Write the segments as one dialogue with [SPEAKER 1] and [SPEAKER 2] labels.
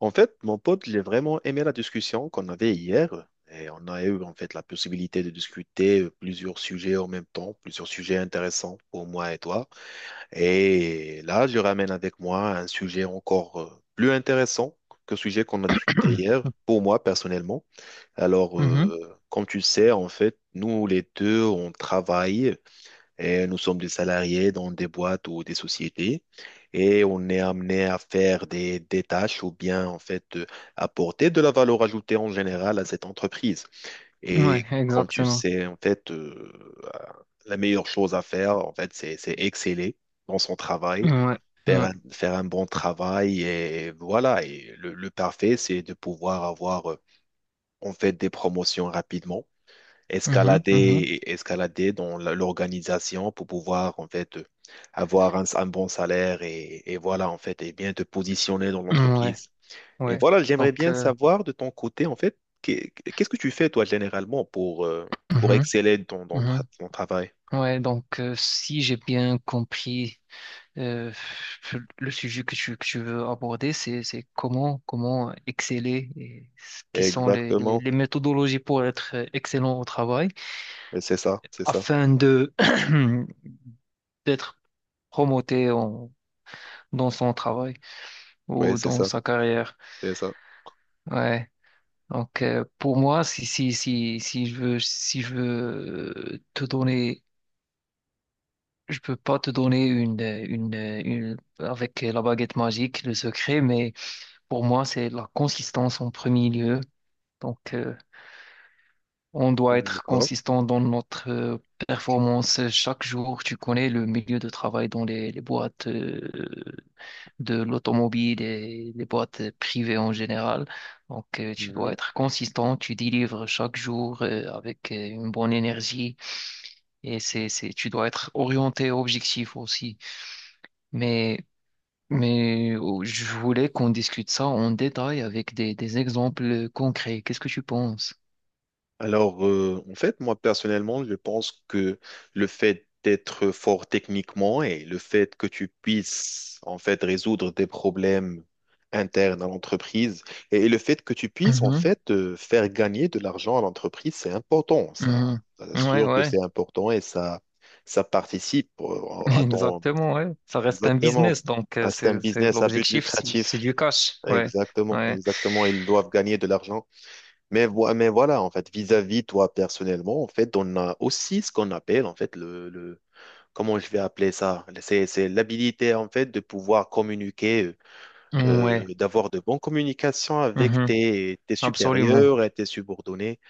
[SPEAKER 1] En fait, mon pote, j'ai vraiment aimé la discussion qu'on avait hier. Et on a eu en fait la possibilité de discuter plusieurs sujets en même temps, plusieurs sujets intéressants pour moi et toi. Et là, je ramène avec moi un sujet encore plus intéressant que le sujet qu'on a discuté hier, pour moi personnellement. Alors,
[SPEAKER 2] Mhm.
[SPEAKER 1] comme tu le sais, en fait, nous les deux, on travaille. Et nous sommes des salariés dans des boîtes ou des sociétés et on est amené à faire des tâches ou bien en fait apporter de la valeur ajoutée en général à cette entreprise.
[SPEAKER 2] Ouais,
[SPEAKER 1] Et comme tu
[SPEAKER 2] exactement.
[SPEAKER 1] sais, la meilleure chose à faire, en fait, c'est exceller dans son travail,
[SPEAKER 2] Ouais, ouais.
[SPEAKER 1] faire un bon travail et voilà. Et le parfait, c'est de pouvoir avoir en fait des promotions rapidement
[SPEAKER 2] Mhm, mhm.
[SPEAKER 1] escalader dans l'organisation pour pouvoir en fait avoir un bon salaire et voilà en fait et bien te positionner dans
[SPEAKER 2] Ouais,
[SPEAKER 1] l'entreprise. Et
[SPEAKER 2] ouais.
[SPEAKER 1] voilà, j'aimerais
[SPEAKER 2] Donc,
[SPEAKER 1] bien savoir de ton côté en fait qu'est-ce que tu fais toi généralement pour
[SPEAKER 2] mhm,
[SPEAKER 1] exceller dans
[SPEAKER 2] mhm.
[SPEAKER 1] ton travail?
[SPEAKER 2] Ouais, donc si j'ai bien compris euh, le sujet que tu veux aborder, c'est comment exceller et ce qui sont
[SPEAKER 1] Exactement,
[SPEAKER 2] les méthodologies pour être excellent au travail
[SPEAKER 1] et c'est ça, c'est ça.
[SPEAKER 2] afin de d'être promoté dans son travail
[SPEAKER 1] Oui,
[SPEAKER 2] ou
[SPEAKER 1] c'est
[SPEAKER 2] dans
[SPEAKER 1] ça,
[SPEAKER 2] sa carrière.
[SPEAKER 1] c'est ça.
[SPEAKER 2] Ouais. Donc, pour moi, si je veux te donner, je peux pas te donner avec la baguette magique, le secret, mais pour moi, c'est la consistance en premier lieu. Donc, on doit être
[SPEAKER 1] D'accord.
[SPEAKER 2] consistant dans notre performance chaque jour. Tu connais le milieu de travail dans les boîtes de l'automobile et les boîtes privées en général. Donc, tu dois être consistant. Tu délivres chaque jour avec une bonne énergie et tu dois être orienté, objectif aussi. Mais, mais oh, je voulais qu'on discute ça en détail avec des exemples concrets. Qu'est-ce que tu penses?
[SPEAKER 1] Alors, en fait, moi personnellement, je pense que le fait d'être fort techniquement et le fait que tu puisses en fait résoudre des problèmes internes à l'entreprise et le fait que tu puisses en
[SPEAKER 2] Mhm,
[SPEAKER 1] fait faire gagner de l'argent à l'entreprise, c'est important. Ça
[SPEAKER 2] mhm. Ouais,
[SPEAKER 1] sûr que
[SPEAKER 2] ouais.
[SPEAKER 1] c'est important et ça participe à ton
[SPEAKER 2] Exactement, ouais. Ça reste un
[SPEAKER 1] exactement.
[SPEAKER 2] business, donc
[SPEAKER 1] Ah, c'est un
[SPEAKER 2] c'est
[SPEAKER 1] business à but
[SPEAKER 2] l'objectif, c'est
[SPEAKER 1] lucratif.
[SPEAKER 2] du cash, ouais,
[SPEAKER 1] Exactement,
[SPEAKER 2] ouais.
[SPEAKER 1] exactement. Ils doivent gagner de l'argent. Mais, mais voilà, en fait, vis-à-vis toi personnellement, en fait, on a aussi ce qu'on appelle, en fait, comment je vais appeler ça? C'est l'habilité, en fait, de pouvoir communiquer,
[SPEAKER 2] Mmh, ouais.
[SPEAKER 1] d'avoir de bonnes communications avec
[SPEAKER 2] Mhm.
[SPEAKER 1] tes
[SPEAKER 2] Absolument.
[SPEAKER 1] supérieurs et tes subordonnés.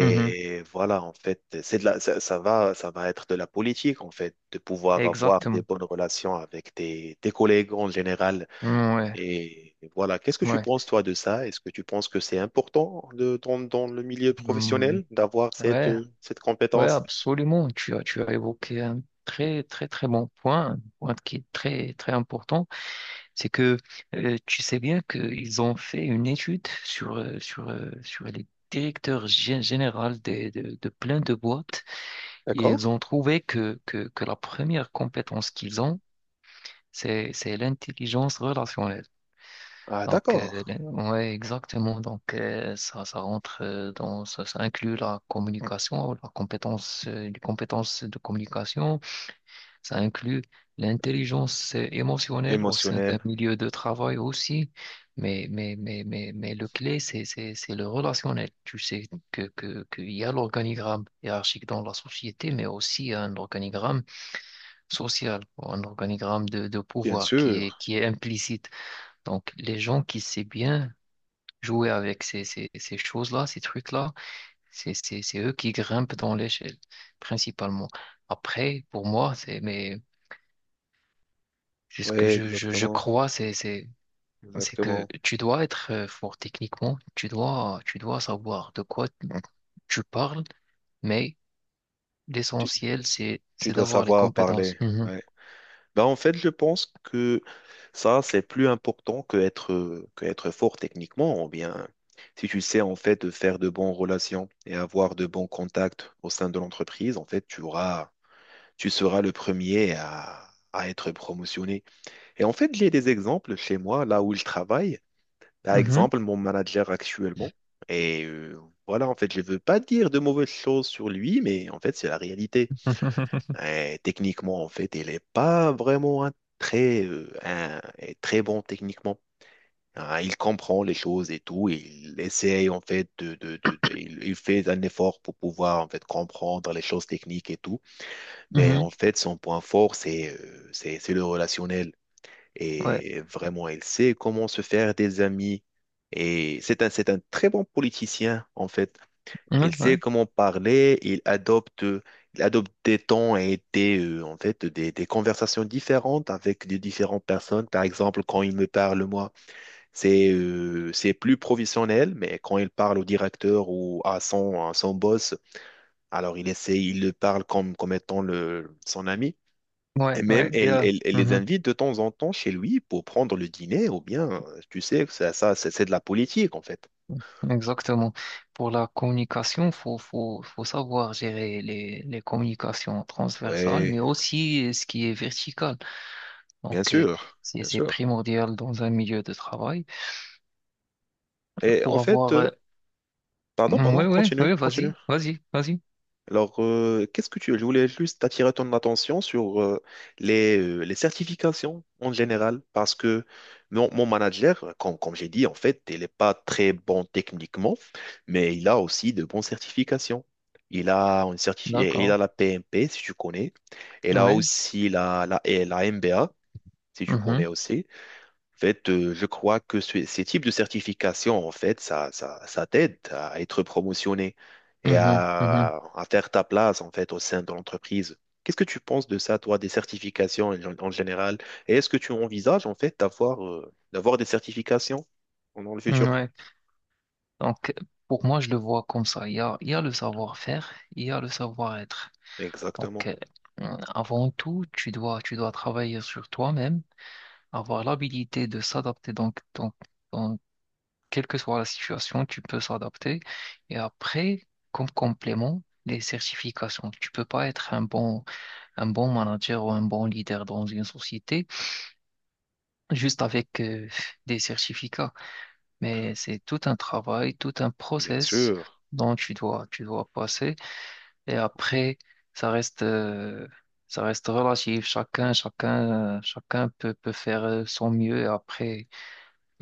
[SPEAKER 2] Mhm.
[SPEAKER 1] voilà, en fait, c'est de la, ça va être de la politique, en fait, de pouvoir avoir des
[SPEAKER 2] Exactement.
[SPEAKER 1] bonnes relations avec tes collègues en général.
[SPEAKER 2] Mmh, ouais,
[SPEAKER 1] Et voilà, qu'est-ce que tu
[SPEAKER 2] ouais.
[SPEAKER 1] penses, toi, de ça? Est-ce que tu penses que c'est important dans, dans le milieu
[SPEAKER 2] Mm.
[SPEAKER 1] professionnel d'avoir cette,
[SPEAKER 2] Ouais,
[SPEAKER 1] cette
[SPEAKER 2] ouais,
[SPEAKER 1] compétence?
[SPEAKER 2] absolument. Tu as évoqué un très très très bon point, un point qui est très très important, c'est que tu sais bien qu'ils ont fait une étude sur les directeurs généraux de plein de boîtes.
[SPEAKER 1] D'accord?
[SPEAKER 2] Ils ont trouvé que la première compétence qu'ils ont, c'est l'intelligence relationnelle.
[SPEAKER 1] Ah,
[SPEAKER 2] Donc,
[SPEAKER 1] d'accord.
[SPEAKER 2] ouais, exactement. Donc, ça rentre ça inclut la communication, les compétences de communication. Ça inclut l'intelligence émotionnelle au sein d'un
[SPEAKER 1] Émotionnel,
[SPEAKER 2] milieu de travail aussi. Mais le clé, c'est le relationnel. Tu sais qu'il y a l'organigramme hiérarchique dans la société, mais aussi un organigramme social, un organigramme de
[SPEAKER 1] bien
[SPEAKER 2] pouvoir
[SPEAKER 1] sûr.
[SPEAKER 2] qui est implicite. Donc, les gens qui savent bien jouer avec ces choses-là, ces trucs-là, c'est eux qui grimpent dans l'échelle, principalement. Après, pour moi, c'est ce
[SPEAKER 1] Oui,
[SPEAKER 2] que je
[SPEAKER 1] exactement.
[SPEAKER 2] crois, c'est que
[SPEAKER 1] Exactement.
[SPEAKER 2] tu dois être fort techniquement, tu dois savoir de quoi tu parles, mais
[SPEAKER 1] Tu,
[SPEAKER 2] l'essentiel,
[SPEAKER 1] tu
[SPEAKER 2] c'est
[SPEAKER 1] dois
[SPEAKER 2] d'avoir les
[SPEAKER 1] savoir
[SPEAKER 2] compétences.
[SPEAKER 1] parler.
[SPEAKER 2] Mhm.
[SPEAKER 1] Ouais. Ben, en fait, je pense que ça, c'est plus important que être fort techniquement, ou bien si tu sais, en fait, faire de bonnes relations et avoir de bons contacts au sein de l'entreprise, en fait, tu seras le premier à être promotionné. Et en fait, j'ai des exemples chez moi, là où je travaille. Par
[SPEAKER 2] Mhm.
[SPEAKER 1] exemple, mon manager actuellement. Et voilà, en fait, je ne veux pas dire de mauvaises choses sur lui, mais en fait, c'est la réalité. Et techniquement, en fait, il n'est pas vraiment un très, euh, un- très bon techniquement. Hein, il comprend les choses et tout. Il essaye, en fait, il fait un effort pour pouvoir, en fait, comprendre les choses techniques et tout. Mais en
[SPEAKER 2] Mhm.
[SPEAKER 1] fait, son point fort, c'est c'est le relationnel.
[SPEAKER 2] Ouais.
[SPEAKER 1] Et vraiment, il sait comment se faire des amis. Et c'est un très bon politicien, en fait. Il
[SPEAKER 2] Mhm.
[SPEAKER 1] sait
[SPEAKER 2] Ouais.
[SPEAKER 1] comment parler, il adopte des tons et des conversations différentes avec des différentes personnes. Par exemple, quand il me parle, moi, c'est plus professionnel, mais quand il parle au directeur ou à son boss, alors il le parle comme, comme étant le, son ami.
[SPEAKER 2] Ouais,
[SPEAKER 1] Et même,
[SPEAKER 2] ouais, yeah.
[SPEAKER 1] elle les
[SPEAKER 2] Mhm.
[SPEAKER 1] invite de temps en temps chez lui pour prendre le dîner, ou bien, tu sais, c'est de la politique, en fait.
[SPEAKER 2] Exactement. Pour la communication, faut savoir gérer les communications transversales,
[SPEAKER 1] Ouais,
[SPEAKER 2] mais aussi ce qui est vertical.
[SPEAKER 1] bien
[SPEAKER 2] Donc,
[SPEAKER 1] sûr, bien
[SPEAKER 2] c'est
[SPEAKER 1] sûr.
[SPEAKER 2] primordial dans un milieu de travail
[SPEAKER 1] Et
[SPEAKER 2] pour avoir.
[SPEAKER 1] pardon,
[SPEAKER 2] Mm,
[SPEAKER 1] pardon,
[SPEAKER 2] ouais, ouais,
[SPEAKER 1] continue,
[SPEAKER 2] ouais,
[SPEAKER 1] continue.
[SPEAKER 2] vas-y, vas-y, vas-y.
[SPEAKER 1] Alors, qu'est-ce que tu... Je voulais juste attirer ton attention sur les certifications en général, parce que mon manager, comme j'ai dit, en fait, il n'est pas très bon techniquement, mais il a aussi de bonnes certifications. Il a, il a
[SPEAKER 2] D'accord.
[SPEAKER 1] la PMP, si tu connais. Il a
[SPEAKER 2] Ouais.
[SPEAKER 1] aussi et la MBA, si tu connais
[SPEAKER 2] Mhm,
[SPEAKER 1] aussi. En fait, je crois que ces types de certifications, en fait, ça t'aide à être promotionné et
[SPEAKER 2] mhm, mhm.
[SPEAKER 1] à faire ta place, en fait, au sein de l'entreprise. Qu'est-ce que tu penses de ça, toi, des certifications en, en général? Et est-ce que tu envisages, en fait, d'avoir des certifications dans le futur?
[SPEAKER 2] Ouais. Donc, pour moi, je le vois comme ça. Il y a le savoir-faire, il y a le savoir-être. Donc,
[SPEAKER 1] Exactement.
[SPEAKER 2] avant tout, tu dois travailler sur toi-même, avoir l'habilité de s'adapter. Donc, quelle que soit la situation, tu peux s'adapter. Et après, comme complément, les certifications. Tu peux pas être un bon manager ou un bon leader dans une société juste avec des certificats. Mais c'est tout un travail, tout un
[SPEAKER 1] Bien
[SPEAKER 2] process
[SPEAKER 1] sûr,
[SPEAKER 2] dont tu dois passer. Et après, ça reste, euh, ça reste relatif. Chacun peut faire son mieux. Et après,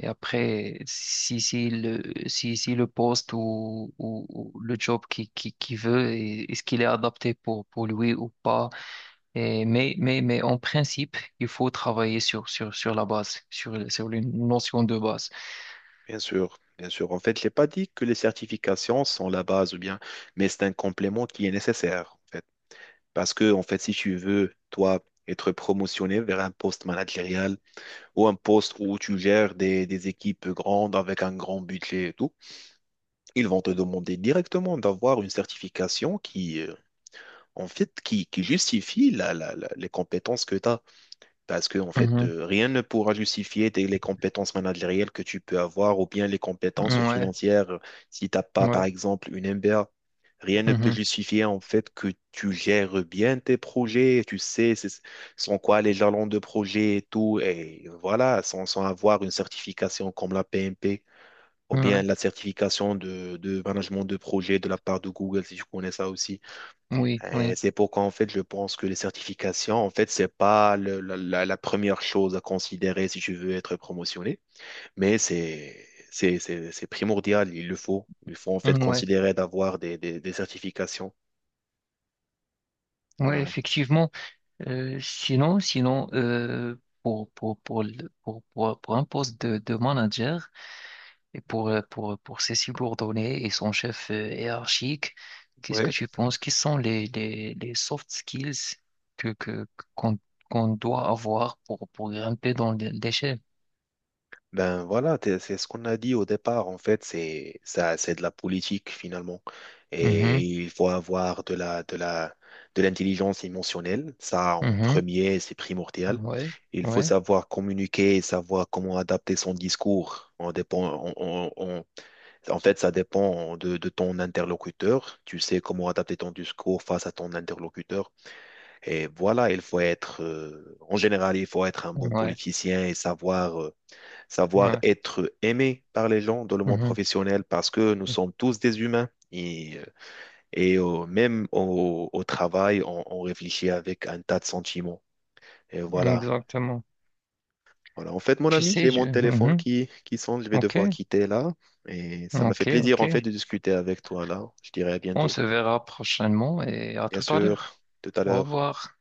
[SPEAKER 2] et après, si le poste ou le job qui veut, est-ce qu'il est adapté pour lui ou pas? Mais en principe, il faut travailler sur la base, sur les notions de base.
[SPEAKER 1] bien sûr, bien sûr. En fait, je n'ai pas dit que les certifications sont la base ou bien, mais c'est un complément qui est nécessaire, en fait. Parce que, en fait, si tu veux, toi, être promotionné vers un poste managérial ou un poste où tu gères des équipes grandes avec un grand budget et tout, ils vont te demander directement d'avoir une certification qui, en fait, qui justifie les compétences que tu as. Parce que, en fait,
[SPEAKER 2] Mhm.
[SPEAKER 1] rien ne pourra justifier les compétences managériales que tu peux avoir ou bien les compétences
[SPEAKER 2] Ouais,
[SPEAKER 1] financières. Si tu n'as pas, par
[SPEAKER 2] ouais.
[SPEAKER 1] exemple, une MBA, rien ne peut
[SPEAKER 2] Mhm.
[SPEAKER 1] justifier, en fait, que tu gères bien tes projets. Tu sais, sans quoi les jalons de projet et tout. Et voilà, sans avoir une certification comme la PMP ou bien
[SPEAKER 2] Ouais,
[SPEAKER 1] la certification de management de projet de la part de Google, si je connais ça aussi.
[SPEAKER 2] oui, oui,
[SPEAKER 1] C'est pourquoi, en fait, je pense que les certifications, en fait, c'est pas la première chose à considérer si tu veux être promotionné, mais c'est primordial, il le faut. Il faut, en fait,
[SPEAKER 2] ouais.
[SPEAKER 1] considérer d'avoir des certifications.
[SPEAKER 2] Ouais
[SPEAKER 1] Voilà.
[SPEAKER 2] effectivement. Sinon, pour, le- pour un poste de manager et pour ses subordonnés et son chef hiérarchique, qu'est-ce que
[SPEAKER 1] Ouais.
[SPEAKER 2] tu penses? Quels sont les soft skills que, que, qu'on, qu'on doit avoir pour grimper dans l'échelle?
[SPEAKER 1] Ben voilà, c'est ce qu'on a dit au départ, en fait, c'est ça, c'est de la politique finalement. Et
[SPEAKER 2] Mhm,
[SPEAKER 1] il faut avoir de l'intelligence émotionnelle, ça en
[SPEAKER 2] mhm.
[SPEAKER 1] premier, c'est primordial.
[SPEAKER 2] Ouais,
[SPEAKER 1] Il faut
[SPEAKER 2] ouais,
[SPEAKER 1] savoir communiquer, savoir comment adapter son discours. On dépend, on- en fait, ça dépend de ton interlocuteur. Tu sais comment adapter ton discours face à ton interlocuteur. Et voilà, il faut être, en général, il faut être un bon
[SPEAKER 2] ouais,
[SPEAKER 1] politicien et savoir
[SPEAKER 2] ouais.
[SPEAKER 1] être aimé par les gens dans le monde
[SPEAKER 2] Mhm.
[SPEAKER 1] professionnel parce que nous sommes tous des humains. Même au travail, on réfléchit avec un tas de sentiments. Et voilà.
[SPEAKER 2] Exactement.
[SPEAKER 1] Voilà. En fait, mon
[SPEAKER 2] Tu
[SPEAKER 1] ami,
[SPEAKER 2] sais,
[SPEAKER 1] j'ai
[SPEAKER 2] je...
[SPEAKER 1] mon téléphone
[SPEAKER 2] Mhm.
[SPEAKER 1] qui sonne. Je vais
[SPEAKER 2] Ok,
[SPEAKER 1] devoir quitter là. Et ça m'a
[SPEAKER 2] ok,
[SPEAKER 1] fait plaisir,
[SPEAKER 2] ok.
[SPEAKER 1] en fait, de discuter avec toi là. Je dirai à
[SPEAKER 2] On
[SPEAKER 1] bientôt.
[SPEAKER 2] se verra prochainement et à
[SPEAKER 1] Bien
[SPEAKER 2] tout à l'heure.
[SPEAKER 1] sûr, tout à
[SPEAKER 2] Au
[SPEAKER 1] l'heure.
[SPEAKER 2] revoir.